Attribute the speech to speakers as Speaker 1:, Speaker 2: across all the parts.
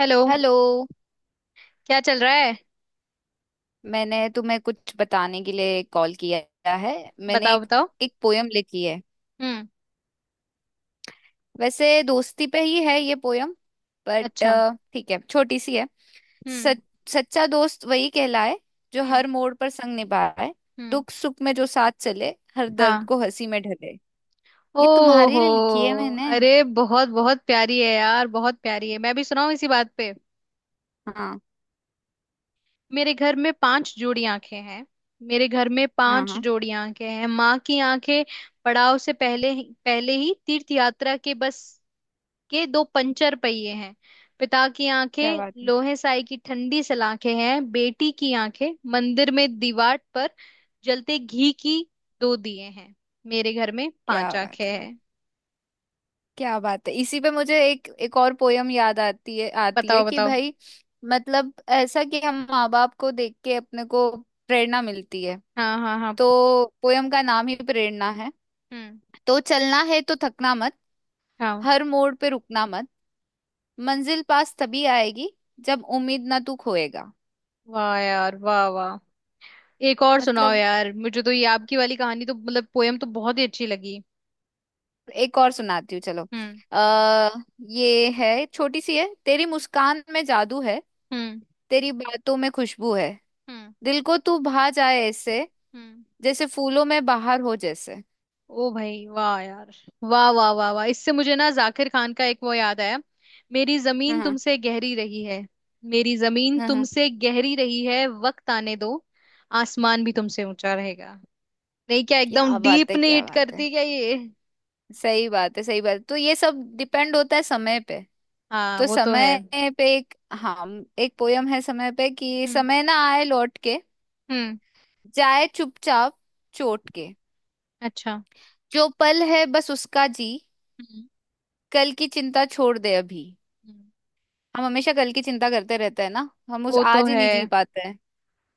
Speaker 1: Hello.
Speaker 2: Hello.
Speaker 1: क्या चल रहा है?
Speaker 2: मैंने तुम्हें कुछ बताने के लिए कॉल किया है। मैंने
Speaker 1: बताओ
Speaker 2: एक
Speaker 1: बताओ।
Speaker 2: एक पोयम लिखी है।
Speaker 1: हम्म।
Speaker 2: वैसे दोस्ती पे ही है ये पोयम। बट
Speaker 1: अच्छा।
Speaker 2: ठीक है, छोटी सी है।
Speaker 1: हम्म।
Speaker 2: सच, सच्चा दोस्त वही कहलाए, जो
Speaker 1: हम्म।
Speaker 2: हर मोड़ पर संग निभाए।
Speaker 1: हम्म।
Speaker 2: दुख सुख में जो साथ चले, हर दर्द
Speaker 1: हाँ।
Speaker 2: को हंसी में ढले। ये तुम्हारे
Speaker 1: ओहो।
Speaker 2: लिए लिखी है मैंने।
Speaker 1: अरे बहुत बहुत प्यारी है यार, बहुत प्यारी है। मैं भी सुनाऊं इसी बात पे।
Speaker 2: हाँ,
Speaker 1: मेरे घर में पांच जोड़ी आंखें हैं। मेरे घर में
Speaker 2: हाँ,
Speaker 1: पांच
Speaker 2: हाँ।
Speaker 1: जोड़ी आंखें हैं, माँ की आंखें पड़ाव से पहले ही तीर्थ यात्रा के बस के दो पंचर पहिए हैं। पिता की
Speaker 2: क्या
Speaker 1: आंखें
Speaker 2: बात है,
Speaker 1: लोहे साई की ठंडी सलाखें हैं। बेटी की आंखें मंदिर में दीवार पर जलते घी की दो दिए हैं। मेरे घर में
Speaker 2: क्या
Speaker 1: पांच आंखें
Speaker 2: बात है,
Speaker 1: हैं।
Speaker 2: क्या बात है। इसी पे मुझे एक एक और पोयम याद आती है
Speaker 1: बताओ
Speaker 2: कि
Speaker 1: बताओ।
Speaker 2: भाई, मतलब ऐसा कि हम माँ बाप को देख के अपने को प्रेरणा मिलती है।
Speaker 1: हाँ हाँ हाँ।
Speaker 2: तो पोयम का नाम ही प्रेरणा है।
Speaker 1: हम्म।
Speaker 2: तो चलना है तो थकना मत,
Speaker 1: हाँ।
Speaker 2: हर मोड़ पे रुकना मत। मंजिल पास तभी आएगी, जब उम्मीद ना तू खोएगा।
Speaker 1: वाह यार, वाह वाह। एक और सुनाओ
Speaker 2: मतलब
Speaker 1: यार, मुझे तो ये आपकी वाली कहानी तो मतलब पोयम तो बहुत ही अच्छी लगी।
Speaker 2: एक और सुनाती हूँ, चलो।
Speaker 1: हम्म।
Speaker 2: आ, ये है, छोटी सी है। तेरी मुस्कान में जादू है,
Speaker 1: हम्म।
Speaker 2: तेरी बातों में खुशबू है।
Speaker 1: हम्म।
Speaker 2: दिल को तू भा जाए ऐसे,
Speaker 1: हम्म।
Speaker 2: जैसे फूलों में बाहर हो जैसे।
Speaker 1: ओ भाई, वाह यार। वाह वाह वाह वाह। इससे मुझे ना जाकिर खान का एक वो याद आया। मेरी
Speaker 2: हाँ,
Speaker 1: जमीन
Speaker 2: हाँ,
Speaker 1: तुमसे गहरी रही है। मेरी जमीन
Speaker 2: हाँ, हाँ।
Speaker 1: तुमसे गहरी रही है, वक्त आने दो। आसमान भी तुमसे ऊंचा रहेगा। नहीं क्या एकदम
Speaker 2: क्या बात
Speaker 1: डीप
Speaker 2: है,
Speaker 1: नहीं
Speaker 2: क्या
Speaker 1: हिट
Speaker 2: बात है।
Speaker 1: करती क्या ये?
Speaker 2: सही बात है, सही बात है। तो ये सब डिपेंड होता है समय पे।
Speaker 1: हाँ
Speaker 2: तो
Speaker 1: वो तो है।
Speaker 2: समय पे एक, हाँ, एक पोयम है समय पे कि
Speaker 1: हम्म।
Speaker 2: समय ना आए लौट के,
Speaker 1: हम्म।
Speaker 2: जाए चुपचाप चोट के।
Speaker 1: अच्छा।
Speaker 2: जो पल है बस उसका जी,
Speaker 1: हम्म।
Speaker 2: कल की चिंता छोड़ दे अभी।
Speaker 1: हम्म,
Speaker 2: हम हमेशा कल की चिंता करते रहते हैं ना, हम उस
Speaker 1: वो तो
Speaker 2: आज ही
Speaker 1: है।
Speaker 2: नहीं जी पाते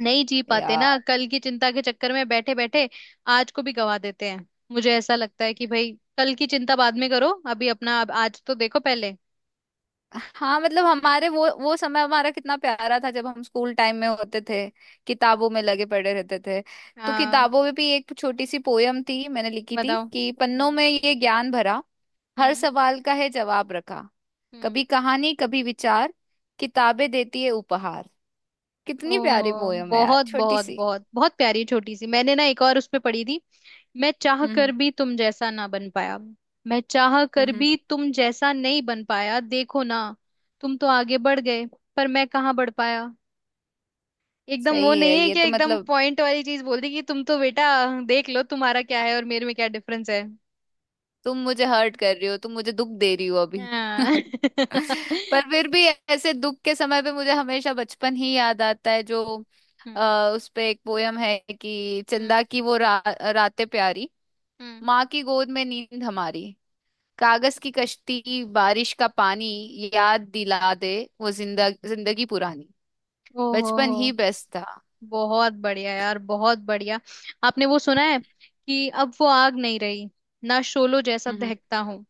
Speaker 1: नहीं जी पाते ना,
Speaker 2: हैं।
Speaker 1: कल की चिंता के चक्कर में बैठे बैठे आज को भी गवा देते हैं। मुझे ऐसा लगता है कि भाई, कल की चिंता बाद में करो, अभी अपना अब आज तो देखो पहले।
Speaker 2: हाँ, मतलब हमारे वो समय हमारा कितना प्यारा था, जब हम स्कूल टाइम में होते थे, किताबों में लगे पड़े रहते थे। तो
Speaker 1: हाँ।
Speaker 2: किताबों में भी एक छोटी सी पोयम थी मैंने लिखी थी
Speaker 1: बताओ।
Speaker 2: कि पन्नों
Speaker 1: हम्म।
Speaker 2: में ये ज्ञान भरा, हर
Speaker 1: हम्म।
Speaker 2: सवाल का है जवाब रखा,
Speaker 1: हम्म।
Speaker 2: कभी कहानी कभी विचार, किताबें देती है उपहार। कितनी प्यारी
Speaker 1: ओहो,
Speaker 2: पोयम है यार,
Speaker 1: बहुत
Speaker 2: छोटी
Speaker 1: बहुत
Speaker 2: सी।
Speaker 1: बहुत बहुत प्यारी, छोटी सी। मैंने ना एक और उस पे पढ़ी थी। मैं चाह
Speaker 2: हम्म,
Speaker 1: कर
Speaker 2: हम्म,
Speaker 1: भी तुम जैसा ना बन पाया। मैं चाह
Speaker 2: हम्म,
Speaker 1: कर
Speaker 2: हम्म।
Speaker 1: भी तुम जैसा नहीं बन पाया, देखो ना। तुम तो आगे बढ़ गए, पर मैं कहाँ बढ़ पाया। एकदम वो
Speaker 2: सही
Speaker 1: नहीं
Speaker 2: है
Speaker 1: है
Speaker 2: ये,
Speaker 1: क्या,
Speaker 2: तो
Speaker 1: एकदम
Speaker 2: मतलब
Speaker 1: पॉइंट वाली चीज बोल दी कि तुम तो बेटा देख लो तुम्हारा क्या है और मेरे में क्या डिफरेंस है।
Speaker 2: तुम मुझे हर्ट कर रही हो, तुम मुझे दुख दे रही हो अभी।
Speaker 1: हाँ
Speaker 2: पर फिर भी ऐसे दुख के समय पे मुझे हमेशा बचपन ही याद आता है। जो
Speaker 1: हम्म।
Speaker 2: उस पे एक पोयम है कि
Speaker 1: हम्म।
Speaker 2: चंदा की वो रातें प्यारी,
Speaker 1: हम्म।
Speaker 2: माँ की गोद में नींद हमारी। कागज की कश्ती, बारिश का पानी, याद दिला दे वो जिंदा जिंदगी पुरानी।
Speaker 1: ओहो
Speaker 2: बचपन
Speaker 1: हो।
Speaker 2: ही बेस्ट था।
Speaker 1: बहुत बढ़िया यार, बहुत बढ़िया। आपने वो सुना है कि अब वो आग नहीं रही, ना शोलो जैसा
Speaker 2: हम्म,
Speaker 1: दहकता हूँ।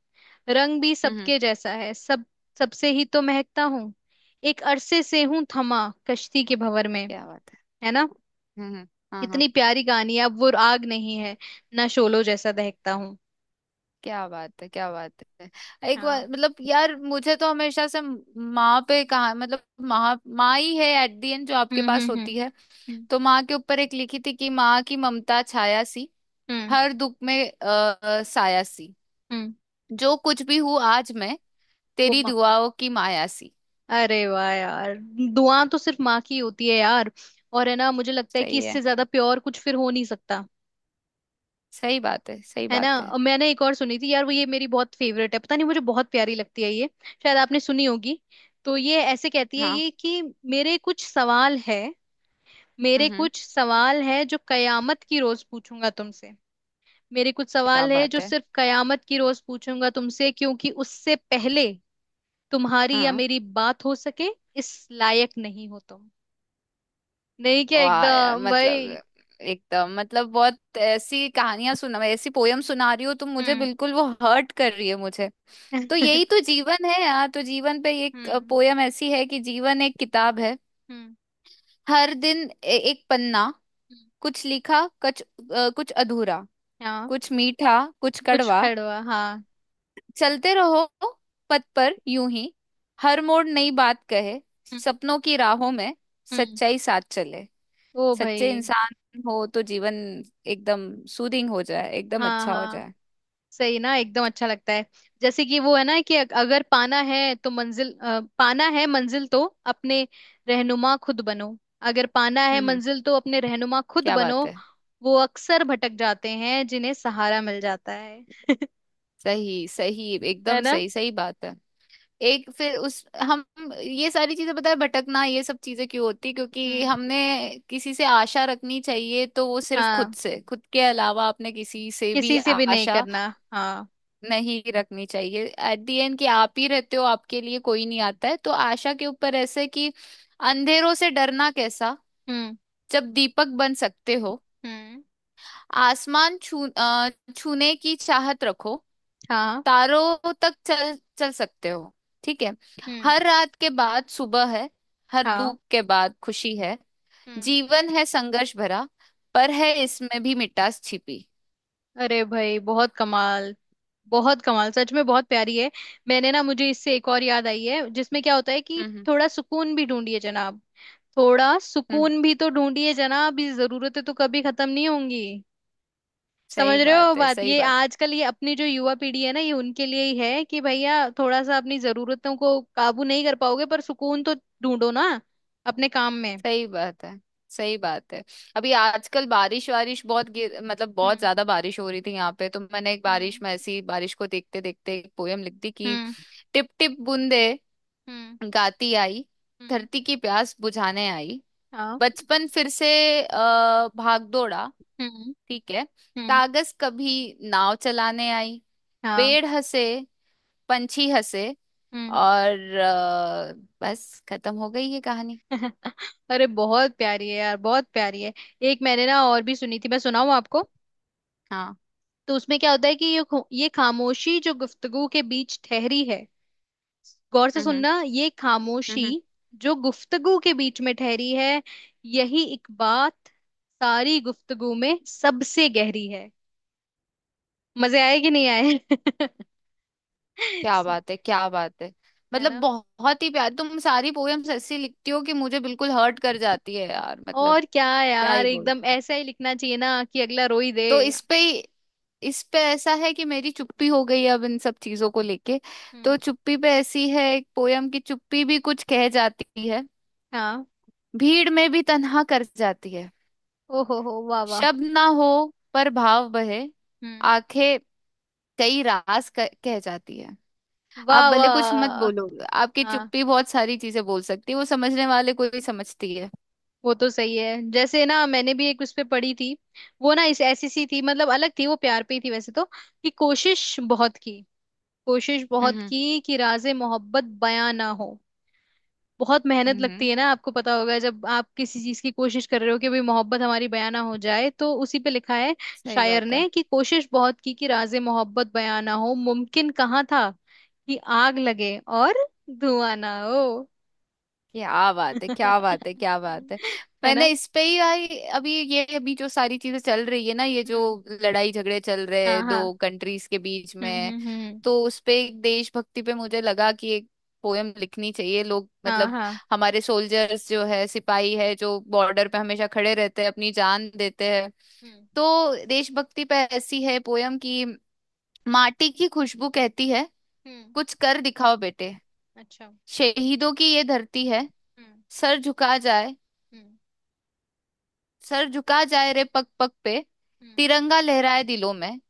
Speaker 1: रंग भी
Speaker 2: हम्म, हम्म।
Speaker 1: सबके जैसा है, सब सबसे ही तो महकता हूँ। एक अरसे से हूँ थमा कश्ती के भंवर में।
Speaker 2: क्या बात है।
Speaker 1: है ना।
Speaker 2: हम्म, हम्म। हाँ, हाँ।
Speaker 1: कितनी प्यारी कहानी है। अब वो आग नहीं है, ना शोलो जैसा दहकता हूँ।
Speaker 2: क्या बात है, क्या बात है। एक
Speaker 1: हाँ।
Speaker 2: बार, मतलब यार, मुझे तो हमेशा से माँ पे कहा मतलब, माँ माँ ही है एट दी एंड, जो आपके
Speaker 1: हम्म।
Speaker 2: पास
Speaker 1: हम्म। हम्म।
Speaker 2: होती है।
Speaker 1: हम्म।
Speaker 2: तो माँ के ऊपर एक लिखी थी कि माँ की ममता छाया सी,
Speaker 1: हम्म।
Speaker 2: हर दुख में साया सी।
Speaker 1: हम्म,
Speaker 2: जो कुछ भी हूँ आज मैं,
Speaker 1: वो
Speaker 2: तेरी
Speaker 1: माँ,
Speaker 2: दुआओं की माया सी।
Speaker 1: अरे वाह यार। दुआ तो सिर्फ माँ की होती है यार। और है ना, मुझे लगता है कि
Speaker 2: सही है,
Speaker 1: इससे ज्यादा प्योर कुछ फिर हो नहीं सकता।
Speaker 2: सही बात है, सही
Speaker 1: है ना।
Speaker 2: बात है।
Speaker 1: और मैंने एक और सुनी थी यार, वो ये मेरी बहुत फेवरेट है, पता नहीं मुझे बहुत प्यारी लगती है ये। शायद आपने सुनी होगी। तो ये ऐसे कहती है
Speaker 2: हाँ।
Speaker 1: ये कि मेरे कुछ सवाल है। मेरे
Speaker 2: हम्म, हम्म।
Speaker 1: कुछ सवाल है जो कयामत की रोज पूछूंगा तुमसे। मेरे कुछ
Speaker 2: क्या
Speaker 1: सवाल है
Speaker 2: बात
Speaker 1: जो
Speaker 2: है।
Speaker 1: सिर्फ कयामत की रोज पूछूंगा तुमसे, क्योंकि उससे पहले तुम्हारी या
Speaker 2: हाँ,
Speaker 1: मेरी बात हो सके इस लायक नहीं हो तुम। नहीं क्या
Speaker 2: वाह यार,
Speaker 1: एकदम भाई।
Speaker 2: मतलब एकदम मतलब बहुत ऐसी कहानियां सुना, मैं ऐसी पोयम सुना रही हो तुम मुझे,
Speaker 1: हम्म
Speaker 2: बिल्कुल वो हर्ट कर रही है मुझे। तो यही तो जीवन है यार। तो जीवन पे एक
Speaker 1: हम्म।
Speaker 2: पोयम ऐसी है कि जीवन एक किताब है,
Speaker 1: हम्म।
Speaker 2: हर दिन एक पन्ना,
Speaker 1: हम्म,
Speaker 2: कुछ लिखा कुछ कुछ अधूरा,
Speaker 1: हाँ
Speaker 2: कुछ मीठा कुछ
Speaker 1: कुछ
Speaker 2: कड़वा।
Speaker 1: खड़वा, हाँ।
Speaker 2: चलते रहो पथ पर यूं ही, हर मोड़ नई बात कहे।
Speaker 1: हम्म।
Speaker 2: सपनों की राहों में
Speaker 1: हम्म।
Speaker 2: सच्चाई साथ चले।
Speaker 1: ओ भाई।
Speaker 2: सच्चे इंसान हो तो जीवन एकदम सूदिंग हो जाए, एकदम
Speaker 1: हाँ
Speaker 2: अच्छा हो
Speaker 1: हाँ,
Speaker 2: जाए।
Speaker 1: सही ना, एकदम अच्छा लगता है। जैसे कि वो है ना कि अगर पाना है तो मंजिल, पाना है मंजिल तो अपने रहनुमा खुद बनो। अगर पाना है
Speaker 2: हम्म।
Speaker 1: मंजिल तो अपने रहनुमा खुद
Speaker 2: क्या बात
Speaker 1: बनो।
Speaker 2: है।
Speaker 1: वो अक्सर भटक जाते हैं जिन्हें सहारा मिल जाता है।
Speaker 2: सही, सही,
Speaker 1: है
Speaker 2: एकदम
Speaker 1: ना।
Speaker 2: सही, सही बात है। एक फिर उस हम, ये सारी चीजें पता है, भटकना ये सब चीजें क्यों होती, क्योंकि
Speaker 1: हम्म।
Speaker 2: हमने किसी से आशा रखनी चाहिए तो वो सिर्फ खुद
Speaker 1: हाँ,
Speaker 2: से, खुद के अलावा आपने किसी से भी
Speaker 1: किसी से भी नहीं
Speaker 2: आशा
Speaker 1: करना। हाँ।
Speaker 2: नहीं रखनी चाहिए। एट दी एंड कि आप ही रहते हो, आपके लिए कोई नहीं आता है। तो आशा के ऊपर ऐसे कि अंधेरों से डरना कैसा,
Speaker 1: हम्म।
Speaker 2: जब दीपक बन सकते हो।
Speaker 1: हम्म।
Speaker 2: आसमान छूने की चाहत रखो,
Speaker 1: हाँ।
Speaker 2: तारों तक चल चल सकते हो। ठीक है।
Speaker 1: हम्म।
Speaker 2: हर रात के बाद सुबह है, हर
Speaker 1: हाँ।
Speaker 2: दुख के बाद खुशी है।
Speaker 1: हम्म।
Speaker 2: जीवन है संघर्ष भरा, पर है इसमें भी मिठास छिपी।
Speaker 1: अरे भाई बहुत कमाल, बहुत कमाल, सच में बहुत प्यारी है। मैंने ना, मुझे इससे एक और याद आई है, जिसमें क्या होता है कि
Speaker 2: हम्म, हम्म,
Speaker 1: थोड़ा सुकून भी ढूंढिए जनाब। थोड़ा
Speaker 2: हम्म।
Speaker 1: सुकून भी तो ढूंढिए जनाब, ये जरूरतें तो कभी खत्म नहीं होंगी। समझ
Speaker 2: सही
Speaker 1: रहे हो
Speaker 2: बात है,
Speaker 1: बात?
Speaker 2: सही
Speaker 1: ये
Speaker 2: बात,
Speaker 1: आजकल ये अपनी जो युवा पीढ़ी है ना, ये उनके लिए ही है कि भैया थोड़ा सा अपनी जरूरतों को काबू नहीं कर पाओगे पर सुकून तो ढूंढो ना अपने काम में।
Speaker 2: सही बात है, सही बात है। अभी आजकल बारिश वारिश बहुत गिर, मतलब बहुत
Speaker 1: हम्म।
Speaker 2: ज्यादा बारिश हो रही थी यहाँ पे। तो मैंने एक बारिश
Speaker 1: हम्म।
Speaker 2: में ऐसी बारिश को देखते देखते एक पोयम लिख दी कि
Speaker 1: हम्म।
Speaker 2: टिप टिप बूंदे
Speaker 1: हम्म।
Speaker 2: गाती आई,
Speaker 1: हम्म।
Speaker 2: धरती की प्यास बुझाने आई।
Speaker 1: हाँ।
Speaker 2: बचपन फिर से भाग दौड़ा।
Speaker 1: हम्म।
Speaker 2: ठीक है।
Speaker 1: हम्म।
Speaker 2: कागज कभी नाव चलाने आई,
Speaker 1: हाँ।
Speaker 2: पेड़ हंसे पंछी हंसे
Speaker 1: हम्म
Speaker 2: और बस खत्म हो गई ये कहानी।
Speaker 1: अरे बहुत प्यारी है यार, बहुत प्यारी है। एक मैंने ना और भी सुनी थी, मैं सुनाऊं आपको।
Speaker 2: हाँ।
Speaker 1: तो उसमें क्या होता है कि ये ये खामोशी जो गुफ्तगू के बीच ठहरी है। गौर से
Speaker 2: हम्म, हम्म,
Speaker 1: सुनना, ये खामोशी
Speaker 2: हम्म।
Speaker 1: जो गुफ्तगू के बीच में ठहरी है, यही एक बात सारी गुफ्तगू में सबसे गहरी है। मजे आए कि नहीं आए?
Speaker 2: क्या बात है, क्या बात है।
Speaker 1: है
Speaker 2: मतलब
Speaker 1: ना?
Speaker 2: बहुत ही प्यार, तुम सारी पोएम्स ऐसी लिखती हो कि मुझे बिल्कुल हर्ट कर जाती है यार मतलब।
Speaker 1: और क्या
Speaker 2: क्या ही
Speaker 1: यार,
Speaker 2: बोलूं।
Speaker 1: एकदम ऐसा ही लिखना चाहिए ना कि अगला रो ही दे।
Speaker 2: तो इस पे, इस पे ऐसा है कि मेरी चुप्पी हो गई है अब, इन सब चीजों को लेके।
Speaker 1: हम्म।
Speaker 2: तो चुप्पी पे ऐसी है एक पोयम की, चुप्पी भी कुछ कह जाती है,
Speaker 1: हाँ।
Speaker 2: भीड़ में भी तन्हा कर जाती है।
Speaker 1: ओहो हो, वाह वाह।
Speaker 2: शब्द ना हो पर भाव बहे,
Speaker 1: हम्म।
Speaker 2: आंखें कई राज कह जाती है। आप
Speaker 1: वाह
Speaker 2: भले कुछ मत
Speaker 1: वाह।
Speaker 2: बोलो, आपकी
Speaker 1: हाँ
Speaker 2: चुप्पी बहुत सारी चीजें बोल सकती है। वो समझने वाले को भी समझती है।
Speaker 1: वो तो सही है। जैसे ना मैंने भी एक उस पे पढ़ी थी। वो ना इस ऐसी सी थी, मतलब अलग थी वो, प्यार पे ही थी वैसे तो। कि कोशिश बहुत की, कोशिश बहुत
Speaker 2: हम्म,
Speaker 1: की कि राज़े मोहब्बत बयां ना हो। बहुत मेहनत
Speaker 2: हम्म,
Speaker 1: लगती
Speaker 2: हम्म।
Speaker 1: है ना, आपको पता होगा जब आप किसी चीज की कोशिश कर रहे हो कि भाई मोहब्बत हमारी बयां ना हो जाए। तो उसी पे लिखा है
Speaker 2: सही
Speaker 1: शायर
Speaker 2: बात है।
Speaker 1: ने कि कोशिश बहुत की कि राज़े मोहब्बत बयां ना हो, मुमकिन कहाँ था कि आग लगे और धुआं ना हो।
Speaker 2: क्या बात है, क्या बात है, क्या बात है।
Speaker 1: है
Speaker 2: मैंने
Speaker 1: ना।
Speaker 2: इस पे ही आई। अभी ये, अभी जो सारी चीजें चल रही है ना, ये जो
Speaker 1: हम्म।
Speaker 2: लड़ाई झगड़े चल रहे
Speaker 1: हाँ
Speaker 2: हैं
Speaker 1: हाँ।
Speaker 2: दो कंट्रीज के बीच
Speaker 1: हम्म।
Speaker 2: में।
Speaker 1: हम्म। हम्म। हम्म।
Speaker 2: तो उस पे एक देशभक्ति पे मुझे लगा कि एक पोयम लिखनी चाहिए, लोग
Speaker 1: हाँ
Speaker 2: मतलब
Speaker 1: हाँ।
Speaker 2: हमारे सोल्जर्स जो है, सिपाही है, जो बॉर्डर पे हमेशा खड़े रहते हैं, अपनी जान देते हैं।
Speaker 1: हम्म।
Speaker 2: तो देशभक्ति पे ऐसी है पोयम कि माटी की खुशबू कहती है,
Speaker 1: हम्म,
Speaker 2: कुछ कर दिखाओ बेटे।
Speaker 1: अच्छा।
Speaker 2: शहीदों की ये धरती है,
Speaker 1: हम्म।
Speaker 2: सर झुका जाए,
Speaker 1: हम्म।
Speaker 2: सर झुका जाए रे पग पग पे।
Speaker 1: हम्म।
Speaker 2: तिरंगा लहराए दिलों में,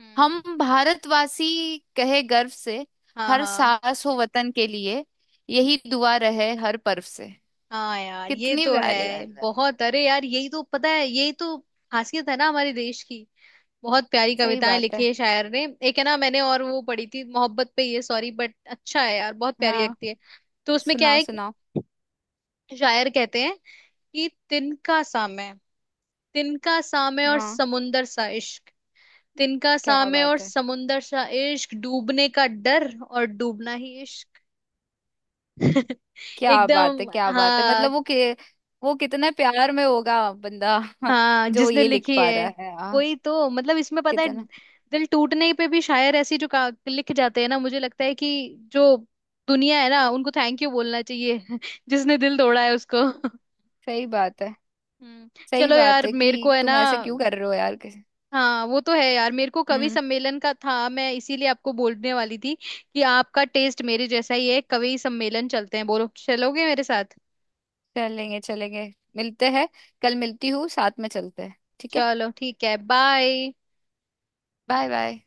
Speaker 1: हम्म।
Speaker 2: हम भारतवासी कहे गर्व से।
Speaker 1: हाँ
Speaker 2: हर
Speaker 1: हाँ।
Speaker 2: सांस हो वतन के लिए, यही दुआ रहे हर पर्व से।
Speaker 1: हाँ यार ये
Speaker 2: कितनी
Speaker 1: तो
Speaker 2: प्यारी,
Speaker 1: है,
Speaker 2: मतलब।
Speaker 1: बहुत। अरे यार, यही तो पता है, यही तो खासियत है ना हमारे देश की। बहुत प्यारी
Speaker 2: सही
Speaker 1: कविताएं
Speaker 2: बात
Speaker 1: लिखी
Speaker 2: है।
Speaker 1: है शायर ने। एक है ना, मैंने और वो पढ़ी थी मोहब्बत पे, ये सॉरी बट अच्छा है यार, बहुत प्यारी
Speaker 2: हाँ,
Speaker 1: लगती है। तो उसमें क्या
Speaker 2: सुनाओ
Speaker 1: है, एक
Speaker 2: सुनाओ।
Speaker 1: शायर कहते हैं कि तिनका सामे, तिनका सामे और
Speaker 2: हाँ।
Speaker 1: समुंदर सा इश्क। तिनका
Speaker 2: क्या
Speaker 1: सामे और
Speaker 2: बात है,
Speaker 1: समुंदर सा इश्क, डूबने का डर और डूबना ही इश्क।
Speaker 2: क्या बात है,
Speaker 1: एकदम
Speaker 2: क्या बात है,
Speaker 1: हाँ।
Speaker 2: मतलब वो कि, वो कितने प्यार में होगा बंदा।
Speaker 1: हाँ
Speaker 2: जो
Speaker 1: जिसने
Speaker 2: ये लिख
Speaker 1: लिखी है,
Speaker 2: पा रहा है, हाँ,
Speaker 1: वही तो मतलब, इसमें पता है
Speaker 2: कितना।
Speaker 1: दिल टूटने पे भी शायर ऐसी जो लिख जाते हैं ना, मुझे लगता है कि जो दुनिया है ना, उनको थैंक यू बोलना चाहिए जिसने दिल तोड़ा है उसको।
Speaker 2: सही बात है,
Speaker 1: हम्म
Speaker 2: सही
Speaker 1: चलो
Speaker 2: बात
Speaker 1: यार,
Speaker 2: है, कि
Speaker 1: मेरे को है ना।
Speaker 2: तुम ऐसे क्यों कर रहे हो यार, किसी-।
Speaker 1: हाँ वो तो है यार, मेरे को कवि
Speaker 2: हम्म।
Speaker 1: सम्मेलन का था, मैं इसीलिए आपको बोलने वाली थी कि आपका टेस्ट मेरे जैसा ही है। कवि सम्मेलन चलते हैं, बोलो चलोगे मेरे साथ?
Speaker 2: चलेंगे चलेंगे, मिलते हैं, कल मिलती हूँ, साथ में चलते हैं, ठीक है।
Speaker 1: चलो ठीक है, बाय।
Speaker 2: Bye bye.